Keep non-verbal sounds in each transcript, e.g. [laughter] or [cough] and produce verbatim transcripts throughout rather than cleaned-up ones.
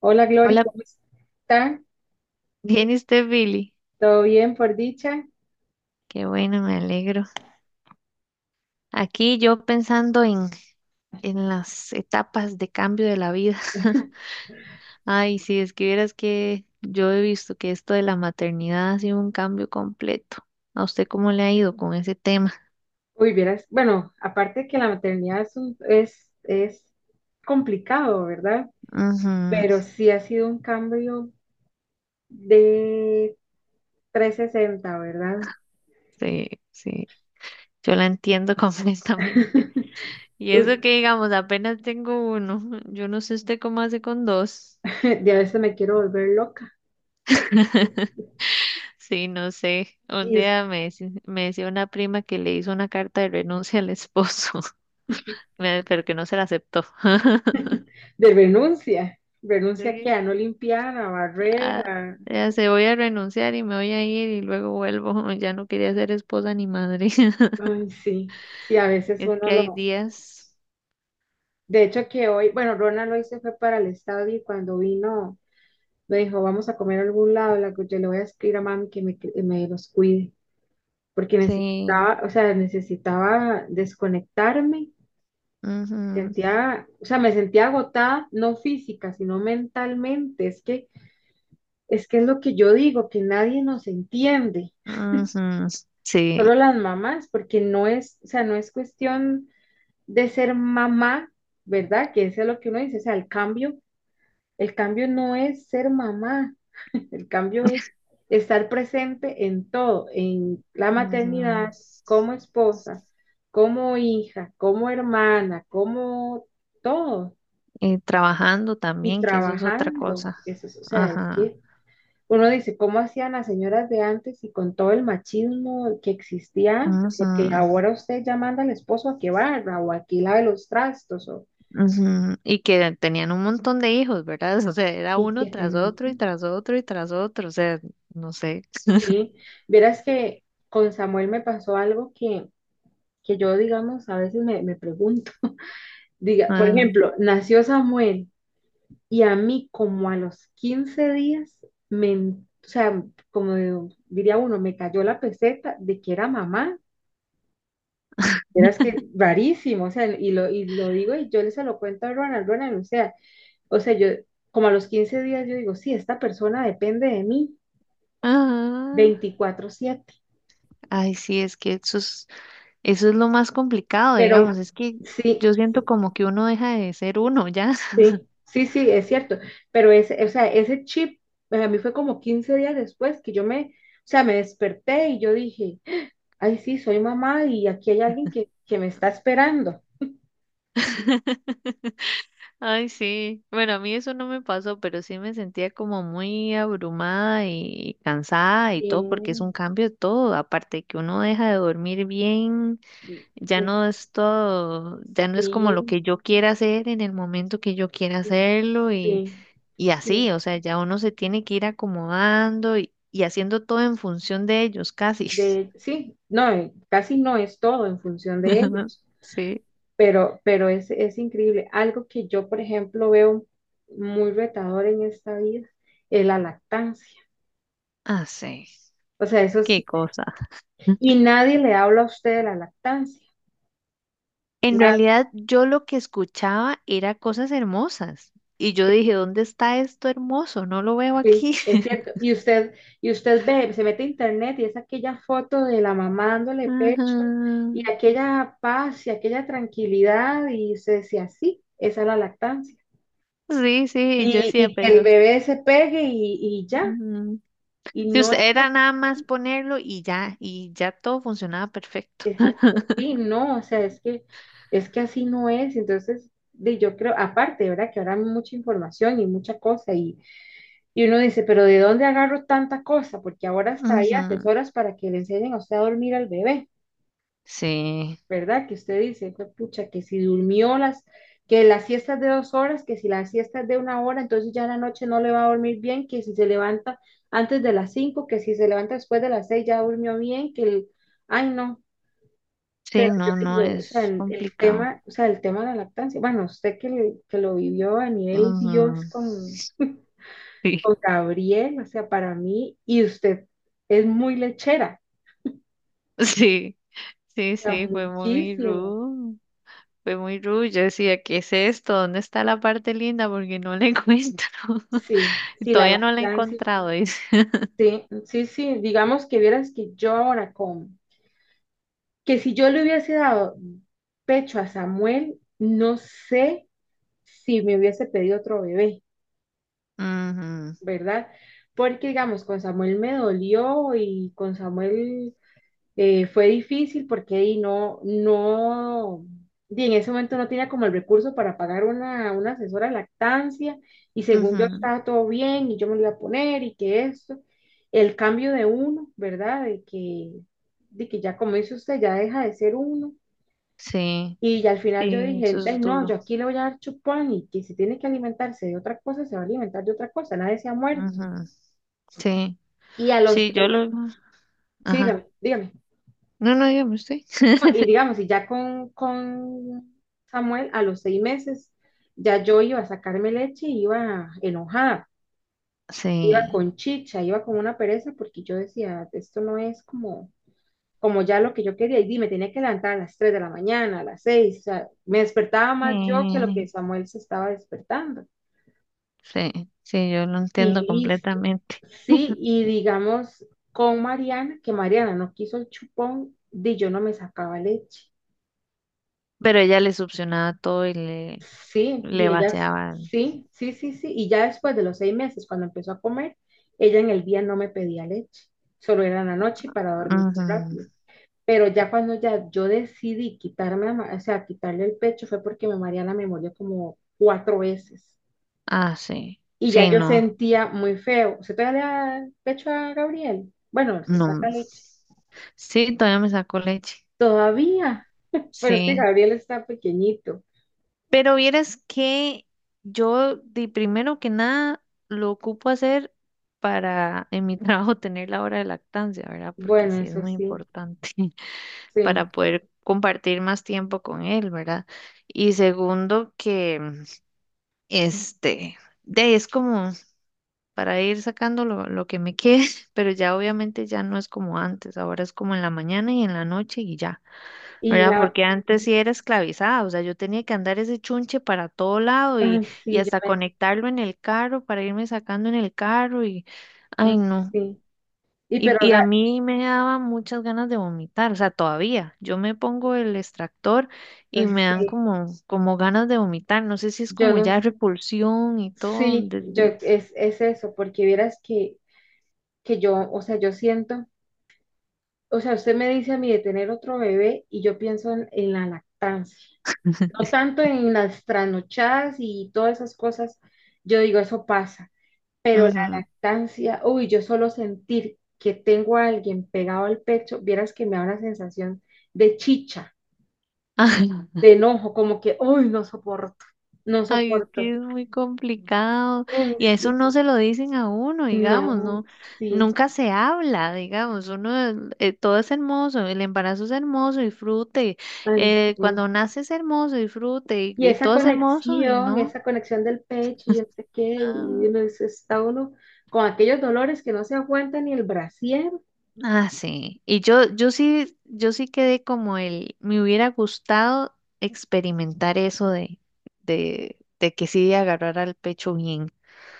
Hola Glory, Hola, ¿cómo está? ¿bien y usted, Billy? ¿Todo bien por dicha? Qué bueno, me alegro. Aquí yo pensando en, en las etapas de cambio de la vida. [laughs] Ay, si es que vieras que yo he visto que esto de la maternidad ha sido un cambio completo. ¿A usted cómo le ha ido con ese tema? Uy, vieras, bueno, aparte que la maternidad es, un- es, es complicado, ¿verdad? Pero Ujú, sí ha sido un cambio de trescientos sesenta, ¿verdad? sí, sí, yo la entiendo [laughs] completamente. [laughs] Y Uy, eso que digamos, apenas tengo uno. Yo no sé usted cómo hace con dos. de a veces me quiero volver loca. Sí, no sé. Un Y es día me, deci- me decía una prima que le hizo una carta de renuncia al esposo, [laughs] me- pero que no se la aceptó. [laughs] de renuncia, renuncia que Sí. a no limpiar, a barrer, Ah, a... ya se voy a renunciar y me voy a ir y luego vuelvo. [laughs] Ya no quería ser esposa ni madre. [laughs] Ay, sí, sí, a veces Es uno que hay lo... días. De hecho que hoy, bueno, Rona lo se fue para el estadio y cuando vino... Me dijo, vamos a comer a algún lado. La, yo le voy a escribir a mami que me, que me los cuide, porque Sí. necesitaba, o sea, necesitaba desconectarme. Ujú. Sentía, o sea, me sentía agotada, no física, sino mentalmente. Es que, es que es lo que yo digo, que nadie nos entiende, Ujú. solo Sí. las mamás, porque no es, o sea, no es cuestión de ser mamá, ¿verdad? Que eso es lo que uno dice, o sea, el cambio, el cambio no es ser mamá. El cambio es estar presente en todo, en la Ujú. maternidad, como esposa, como hija, como hermana, como todo, Y trabajando y también, que eso es otra trabajando. cosa. Eso es, o sea, es Ajá. que uno dice, ¿cómo hacían las señoras de antes y con todo el machismo que existía antes? Ujú. Porque ahora usted ya manda al esposo a que barra o a que lave los trastos o, Ujú. Y que tenían un montón de hijos, ¿verdad? [laughs] O sea, era y uno que tras otro y tenía. tras otro y tras otro, o sea, no sé. [laughs] Sí, verás que con Samuel me pasó algo que que yo, digamos, a veces me, me pregunto. Diga, por Ajá. ejemplo, nació Samuel y a mí como a los quince días, me, o sea, como diría uno, me cayó la peseta de que era mamá. Eras que rarísimo, o sea, y lo, y lo digo y yo le se lo cuento a Ronald, Ronald, o sea, o sea, yo como a los quince días yo digo, sí, esta persona depende de mí Ajá. veinticuatro siete, Ay, sí, es que eso es, eso es lo más complicado, pero digamos, es que sí. yo siento como que uno deja de ser uno ya. Sí, sí, sí, es cierto, pero ese, o sea, ese chip, a mí fue como quince días después que yo me, o sea, me desperté y yo dije, ay, sí, soy mamá y aquí hay alguien que, que me está esperando. [laughs] Ay, sí. Bueno, a mí eso no me pasó, pero sí me sentía como muy abrumada y cansada y todo, porque es Sí, un cambio de todo, aparte de que uno deja de dormir bien. Ya no es todo, ya no es como lo sí, que yo quiera hacer en el momento que yo quiera hacerlo y, sí, y así, sí, o sea, ya uno se tiene que ir acomodando y, y haciendo todo en función de ellos, casi. de, sí, no, eh, casi no es todo en función de [laughs] ellos, Sí, pero, pero es, es increíble. Algo que yo, por ejemplo, veo muy retador en esta vida es la lactancia. así, O sea, eso qué sí. cosa. Y nadie le habla a usted de la lactancia. En Na- realidad, yo lo que escuchaba era cosas hermosas y yo dije, ¿dónde está esto hermoso? No lo veo sí, aquí. es [laughs] cierto. Y usted, y usted ve, se mete a internet y es aquella foto de la mamá dándole Ajá. pecho y aquella paz y aquella tranquilidad y se decía, así, esa es la lactancia. Sí, sí, yo Y, decía, y que el pero... bebé se pegue y, y ya. Ujú. Y Si no usted es era nada más así. ponerlo y ya, y ya todo funcionaba perfecto. Exacto. Sí, no, o sea, es que, es que así no es. Entonces, de, yo creo, aparte, ¿verdad? Que ahora hay mucha información y mucha cosa y, Y uno dice, pero ¿de dónde agarro tanta cosa? Porque ahora hasta hay Ujú. asesoras para que le enseñen a usted a dormir al bebé, Sí, ¿verdad? Que usted dice, "Fue pucha, que si durmió las, que las siestas de dos horas, que si las siestas de una hora, entonces ya en la noche no le va a dormir bien, que si se levanta antes de las cinco, que si se levanta después de las seis ya durmió bien, que el, ay no, pero sí, yo no, no digo, o sea, es en el complicado. tema, o sea, el tema de la lactancia, bueno, usted que, que lo vivió a nivel Ujú. Dios con Sí, con [laughs] Gabriel, o sea, para mí, y usted es muy lechera, sí, sí, o sea, sí, fue muy muchísimo. rude, fue muy rude. Yo decía, ¿qué es esto? ¿Dónde está la parte linda? Porque no la encuentro. Sí, [laughs] Y sí, la todavía no la he lactancia, encontrado, dice. sí, sí, sí, digamos que vieras que yo ahora como, que si yo le hubiese dado pecho a Samuel, no sé si me hubiese pedido otro bebé, ¿verdad? Porque, digamos, con Samuel me dolió y con Samuel Eh, fue difícil porque ahí no, no, di en ese momento no tenía como el recurso para pagar una, una asesora de lactancia y Ujú. según yo Ujú. estaba todo bien y yo me lo iba a poner y que esto, el cambio de uno, ¿verdad? De que, de que ya como dice usted, ya deja de ser uno. Sí, Y ya al final yo sí, dije, eso "Ve, es no, yo duro. aquí le voy a dar chupón y que si tiene que alimentarse de otra cosa, se va a alimentar de otra cosa, nadie se ha muerto." Ujú. Sí, Y a los sí, yo tres, lo... sí, Ajá. dígame, dígame. No, no, dígame usted. No, [laughs] y digamos, y ya con, con Samuel, a los seis meses, ya yo iba a sacarme leche y iba enojada, iba Sí. con chicha, iba con una pereza, porque yo decía, esto no es como, como ya lo que yo quería. Y me tenía que levantar a las tres de la mañana, a las seis, o sea, me despertaba más yo que lo que Sí, Samuel se estaba despertando. sí, sí, yo lo Y entiendo listo. completamente. Sí, y digamos, con Mariana, que Mariana no quiso el chupón, di yo no me sacaba leche. Pero ella le succionaba todo y le, Sí, y le ella, vaciaba. sí, sí, sí, sí. Y ya después de los seis meses, cuando empezó a comer, ella en el día no me pedía leche, solo era en la noche y para dormirse Ujú. rápido. Pero ya cuando ya yo decidí quitarme, la ma- o sea, quitarle el pecho fue porque mi Mariana me maría la memoria como cuatro veces. Ah, sí, Y ya sí, yo no, sentía muy feo. ¿Se te da el pecho a Gabriel? Bueno, se no. saca leche. Sí, todavía me sacó leche. Todavía. Pero es que Sí. Gabriel está pequeñito. Pero vieras que yo, de primero que nada, lo ocupo hacer para en mi [laughs] trabajo tener la hora de lactancia, ¿verdad? Porque Bueno, sí es eso muy sí, importante. sí. Para poder compartir más tiempo con él, ¿verdad? Y segundo, que este, de, es como para ir sacando lo, lo que me quede, [laughs] pero ya obviamente ya no es como antes, ahora es como en la mañana y en la noche y ya, Y ¿verdad? la... Porque antes sí era esclavizada, o sea, yo tenía que andar ese chunche para todo lado y, Ah, y sí, yo... hasta conectarlo en el carro para irme sacando en el carro y, Ah, ay, no. sí, y Y, pero Y ga- a mí me daba muchas ganas de vomitar, o sea, todavía. Yo me pongo el extractor y pues me dan sí, como, como ganas de vomitar. No sé si es yo como no, ya repulsión y todo sí, yo desde... es, es eso, porque vieras que, que yo, o sea, yo siento, o sea, usted me dice a mí de tener otro bebé y yo pienso en, en la lactancia, no tanto en las trasnochadas y todas esas cosas, yo digo, eso pasa, pero la Ujú. lactancia, uy, yo solo sentir que tengo a alguien pegado al pecho, vieras que me da una sensación de chicha, Ay, [laughs] de enojo, como que, uy, no soporto, no ay, es soporto. que es muy complicado. Uy, Y eso sí. no se lo dicen a uno, digamos, No, no, sí, nunca se habla, digamos. Uno, eh, todo es hermoso, el embarazo es hermoso, disfrute. ay, sí. Eh, cuando nace es hermoso, disfrute. Y, Y Y esa todo es hermoso y conexión, no. esa conexión del pecho y el sé qué, y uno dice, está uno con aquellos dolores que no se aguanta ni el brasier, Ah, sí. Y yo, yo sí, yo sí quedé como el, me hubiera gustado experimentar eso de, de, de que sí agarrar al pecho bien.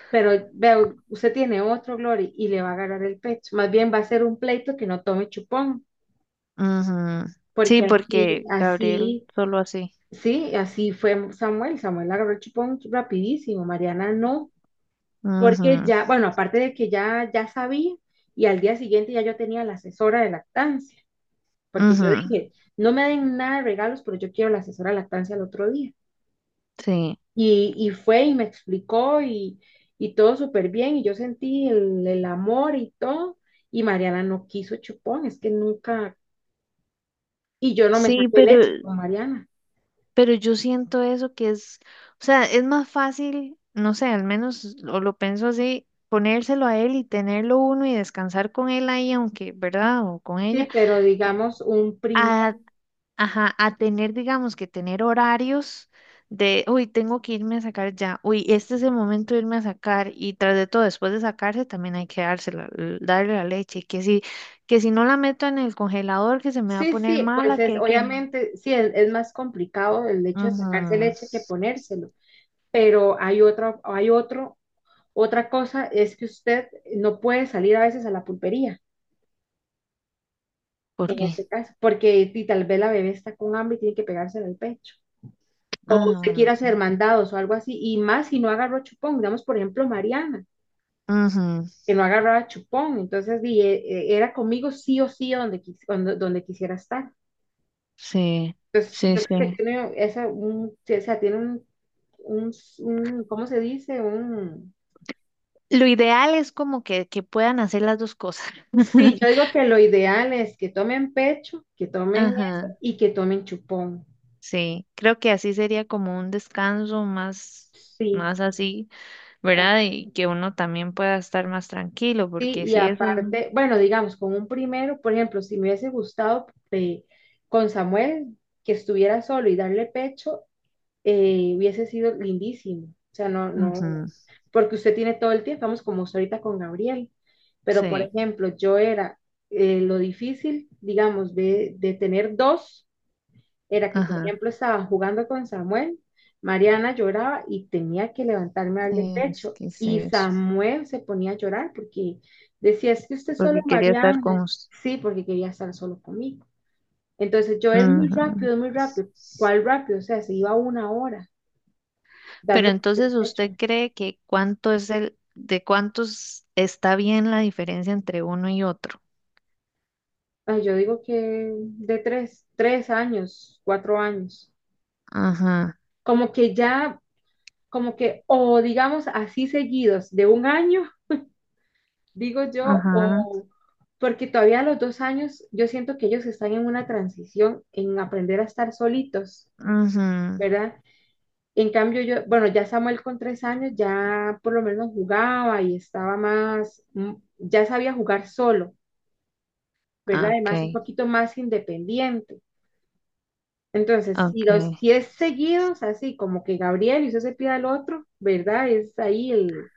pero veo, usted tiene otro, Glory, y le va a agarrar el pecho. Más bien va a ser un pleito que no tome chupón, Ujú. porque Sí, así, porque Gabriel así, solo así. sí, así fue Samuel. Samuel agarró el chupón rapidísimo, Mariana no, porque Ujú. ya, bueno, aparte de que ya, ya sabía, y al día siguiente ya yo tenía la asesora de lactancia. Porque yo Ujú. dije, no me den nada de regalos, pero yo quiero la asesora de lactancia el otro día. Sí. Y, y fue y me explicó y, y todo súper bien, y yo sentí el, el amor y todo, y Mariana no quiso chupón, es que nunca, y yo no me Sí, saqué pero, leche con Mariana. pero yo siento eso que es, o sea, es más fácil, no sé, al menos o lo pienso así, ponérselo a él y tenerlo uno y descansar con él ahí, aunque, ¿verdad? O con ella. Sí, pero digamos un primer, A Ajá, a tener, digamos, que tener horarios de, uy, tengo que irme a sacar ya, uy, este es el momento de irme a sacar y tras de todo, después de sacarse también hay que dársela, l- darle la leche, que si, que si no la meto en el congelador, que se me va a sí, poner sí, pues mala, que es, hay que... obviamente, sí, es, es más complicado el hecho de sacarse Ujú. leche que ponérselo, pero hay otro, hay otro, otra cosa es que usted no puede salir a veces a la pulpería. ¿Por En qué? este caso, porque y tal vez la bebé está con hambre y tiene que pegársela al pecho. Ah, Usted bueno, quiere sí. hacer mandados o algo así, y más si no agarró chupón, digamos, por ejemplo, Mariana, Ujú. que no agarraba chupón, entonces di, eh, era conmigo sí o sí donde, quis- donde, donde quisiera estar. Sí, Entonces, sí, yo creo que sí. tiene, esa, un, o sea, tiene un, un, un- ¿cómo se dice? Un... Lo ideal es como que, que puedan hacer las dos cosas. Sí, yo [laughs] digo que lo ideal es que tomen pecho, que tomen eso Ajá. y que tomen chupón. Sí, creo que así sería como un descanso más, Sí, más así, ¿verdad? Y que uno también pueda estar más tranquilo, sí, porque y si eso, aparte, bueno, digamos, con un primero, por ejemplo, si me hubiese gustado eh, con Samuel que estuviera solo y darle pecho, eh, hubiese sido lindísimo. O sea, no, no, ujú, porque usted tiene todo el tiempo, vamos como usted ahorita con Gabriel. Pero, por sí, ejemplo, yo era eh, lo difícil, digamos, de, de tener dos era que, por ajá, ejemplo, estaba jugando con Samuel, Mariana lloraba y tenía que levantarme a darle es pecho. que es Y eso, Samuel se ponía a llorar porque decía, es que usted solo porque quería estar Mariana. con usted. Sí, porque quería estar solo conmigo. Entonces yo es muy rápido, es muy rápido. ¿Cuál rápido? O sea, se iba una hora Pero dando el entonces, pecho. ¿usted cree que cuánto es el, de cuántos está bien la diferencia entre uno y otro? Ay, yo digo que de tres, tres años, cuatro años. Ajá. Como que ya, como que, o digamos así seguidos, de un año digo yo, Ajá. o porque todavía a los dos años yo siento que ellos están en una transición en aprender a estar solitos, Ajá. ¿verdad? En cambio yo, bueno, ya Samuel con tres años ya por lo menos jugaba y estaba más, mm, ya sabía jugar solo, ¿verdad? Ah, Además un ok. poquito más independiente. Entonces, si los Ok. diez seguidos, así como que Gabriel y usted se pida al otro, ¿verdad? Es ahí el,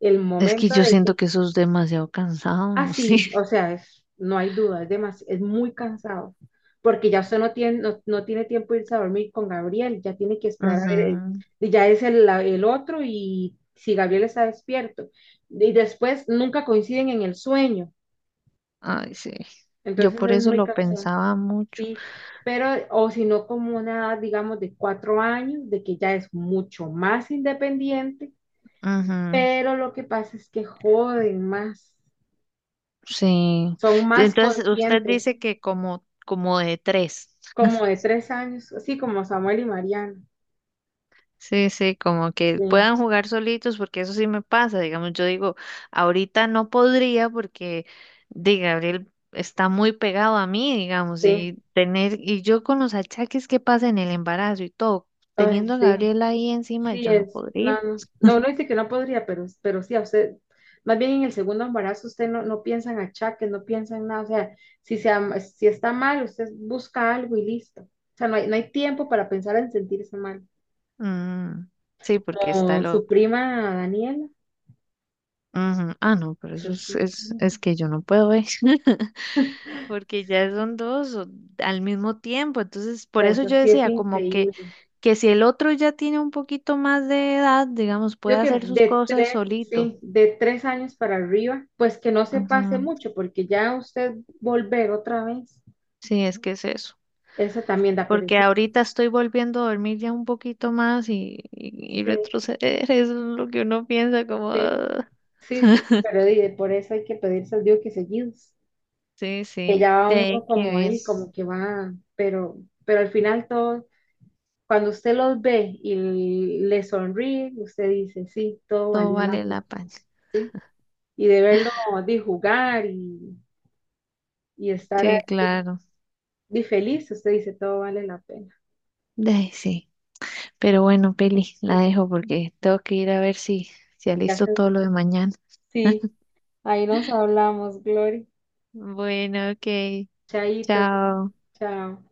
el Es que momento yo de siento que... que eso es demasiado cansado, Ah, no sé. sí, o sea, es, no hay duda, es demas- es muy cansado, porque ya usted no tiene, no, no tiene tiempo de irse a dormir con Gabriel, ya tiene que esperar a Ujú. ver, el- y ya es el, la- el otro y si Gabriel está despierto. Y después nunca coinciden en el sueño, Ay, sí. Yo entonces por es eso muy lo cansado, pensaba mucho. sí, pero, o si no, como una, digamos, de cuatro años, de que ya es mucho más independiente, Ujú. pero lo que pasa es que joden más, Sí. son Y más entonces, usted conscientes, dice que como, como de tres. como de tres años, así como Samuel y Mariana. Sí, sí, como que Sí, puedan jugar solitos, porque eso sí me pasa. Digamos, yo digo, ahorita no podría porque, de Gabriel está muy pegado a mí, digamos, sí, y tener, y yo con los achaques que pasa en el embarazo y todo, ay, teniendo a sí, Gabriel ahí encima, sí yo no es. podría. No, no, no, uno dice que no podría, pero, pero sí, a usted, más bien en el segundo embarazo, usted no, no piensa en achaques, no piensa en nada. O sea, si, se, am- si está mal, usted busca algo y listo. O sea, no hay, no hay tiempo para pensar en sentirse mal. Mm, sí, porque está Como su loco. prima Daniela, Ujú. Ah, no, pero eso eso es, sí, es, o es que yo no puedo ver, [laughs] porque ya son dos o- al mismo tiempo. Entonces, por sea, eso eso yo sí es decía, como que, increíble. que si el otro ya tiene un poquito más de edad, digamos, puede Yo que hacer sus de cosas tres, solito. sí, de tres años para arriba, pues que no se pase Ujú. mucho, porque ya usted volver otra vez, Sí, es que es eso. eso también da Porque pereza. ahorita estoy volviendo a dormir ya un poquito más y, y, y Sí, retroceder, [laughs] eso es lo que uno piensa como, sí, "Ah". sí, sí, pero di, de por eso hay que pedirse al Dios que seguidos, Sí, que sí, ya va de uno ahí que como ver, ahí, como que va, pero, pero al final todo, cuando usted los ve y le sonríe, usted dice, sí, todo todo valió la vale pena, la pena. sí, y de verlo, de jugar y, y estar Sí, claro, di, feliz, usted dice, todo vale la pena. de ahí sí. Pero bueno, Peli, la Sí. dejo porque tengo que ir a ver si, si Ya alisto sé. todo lo de mañana. Sí, [laughs] ahí nos hablamos, Glory. Bueno, ok, Chaito, chao. chao.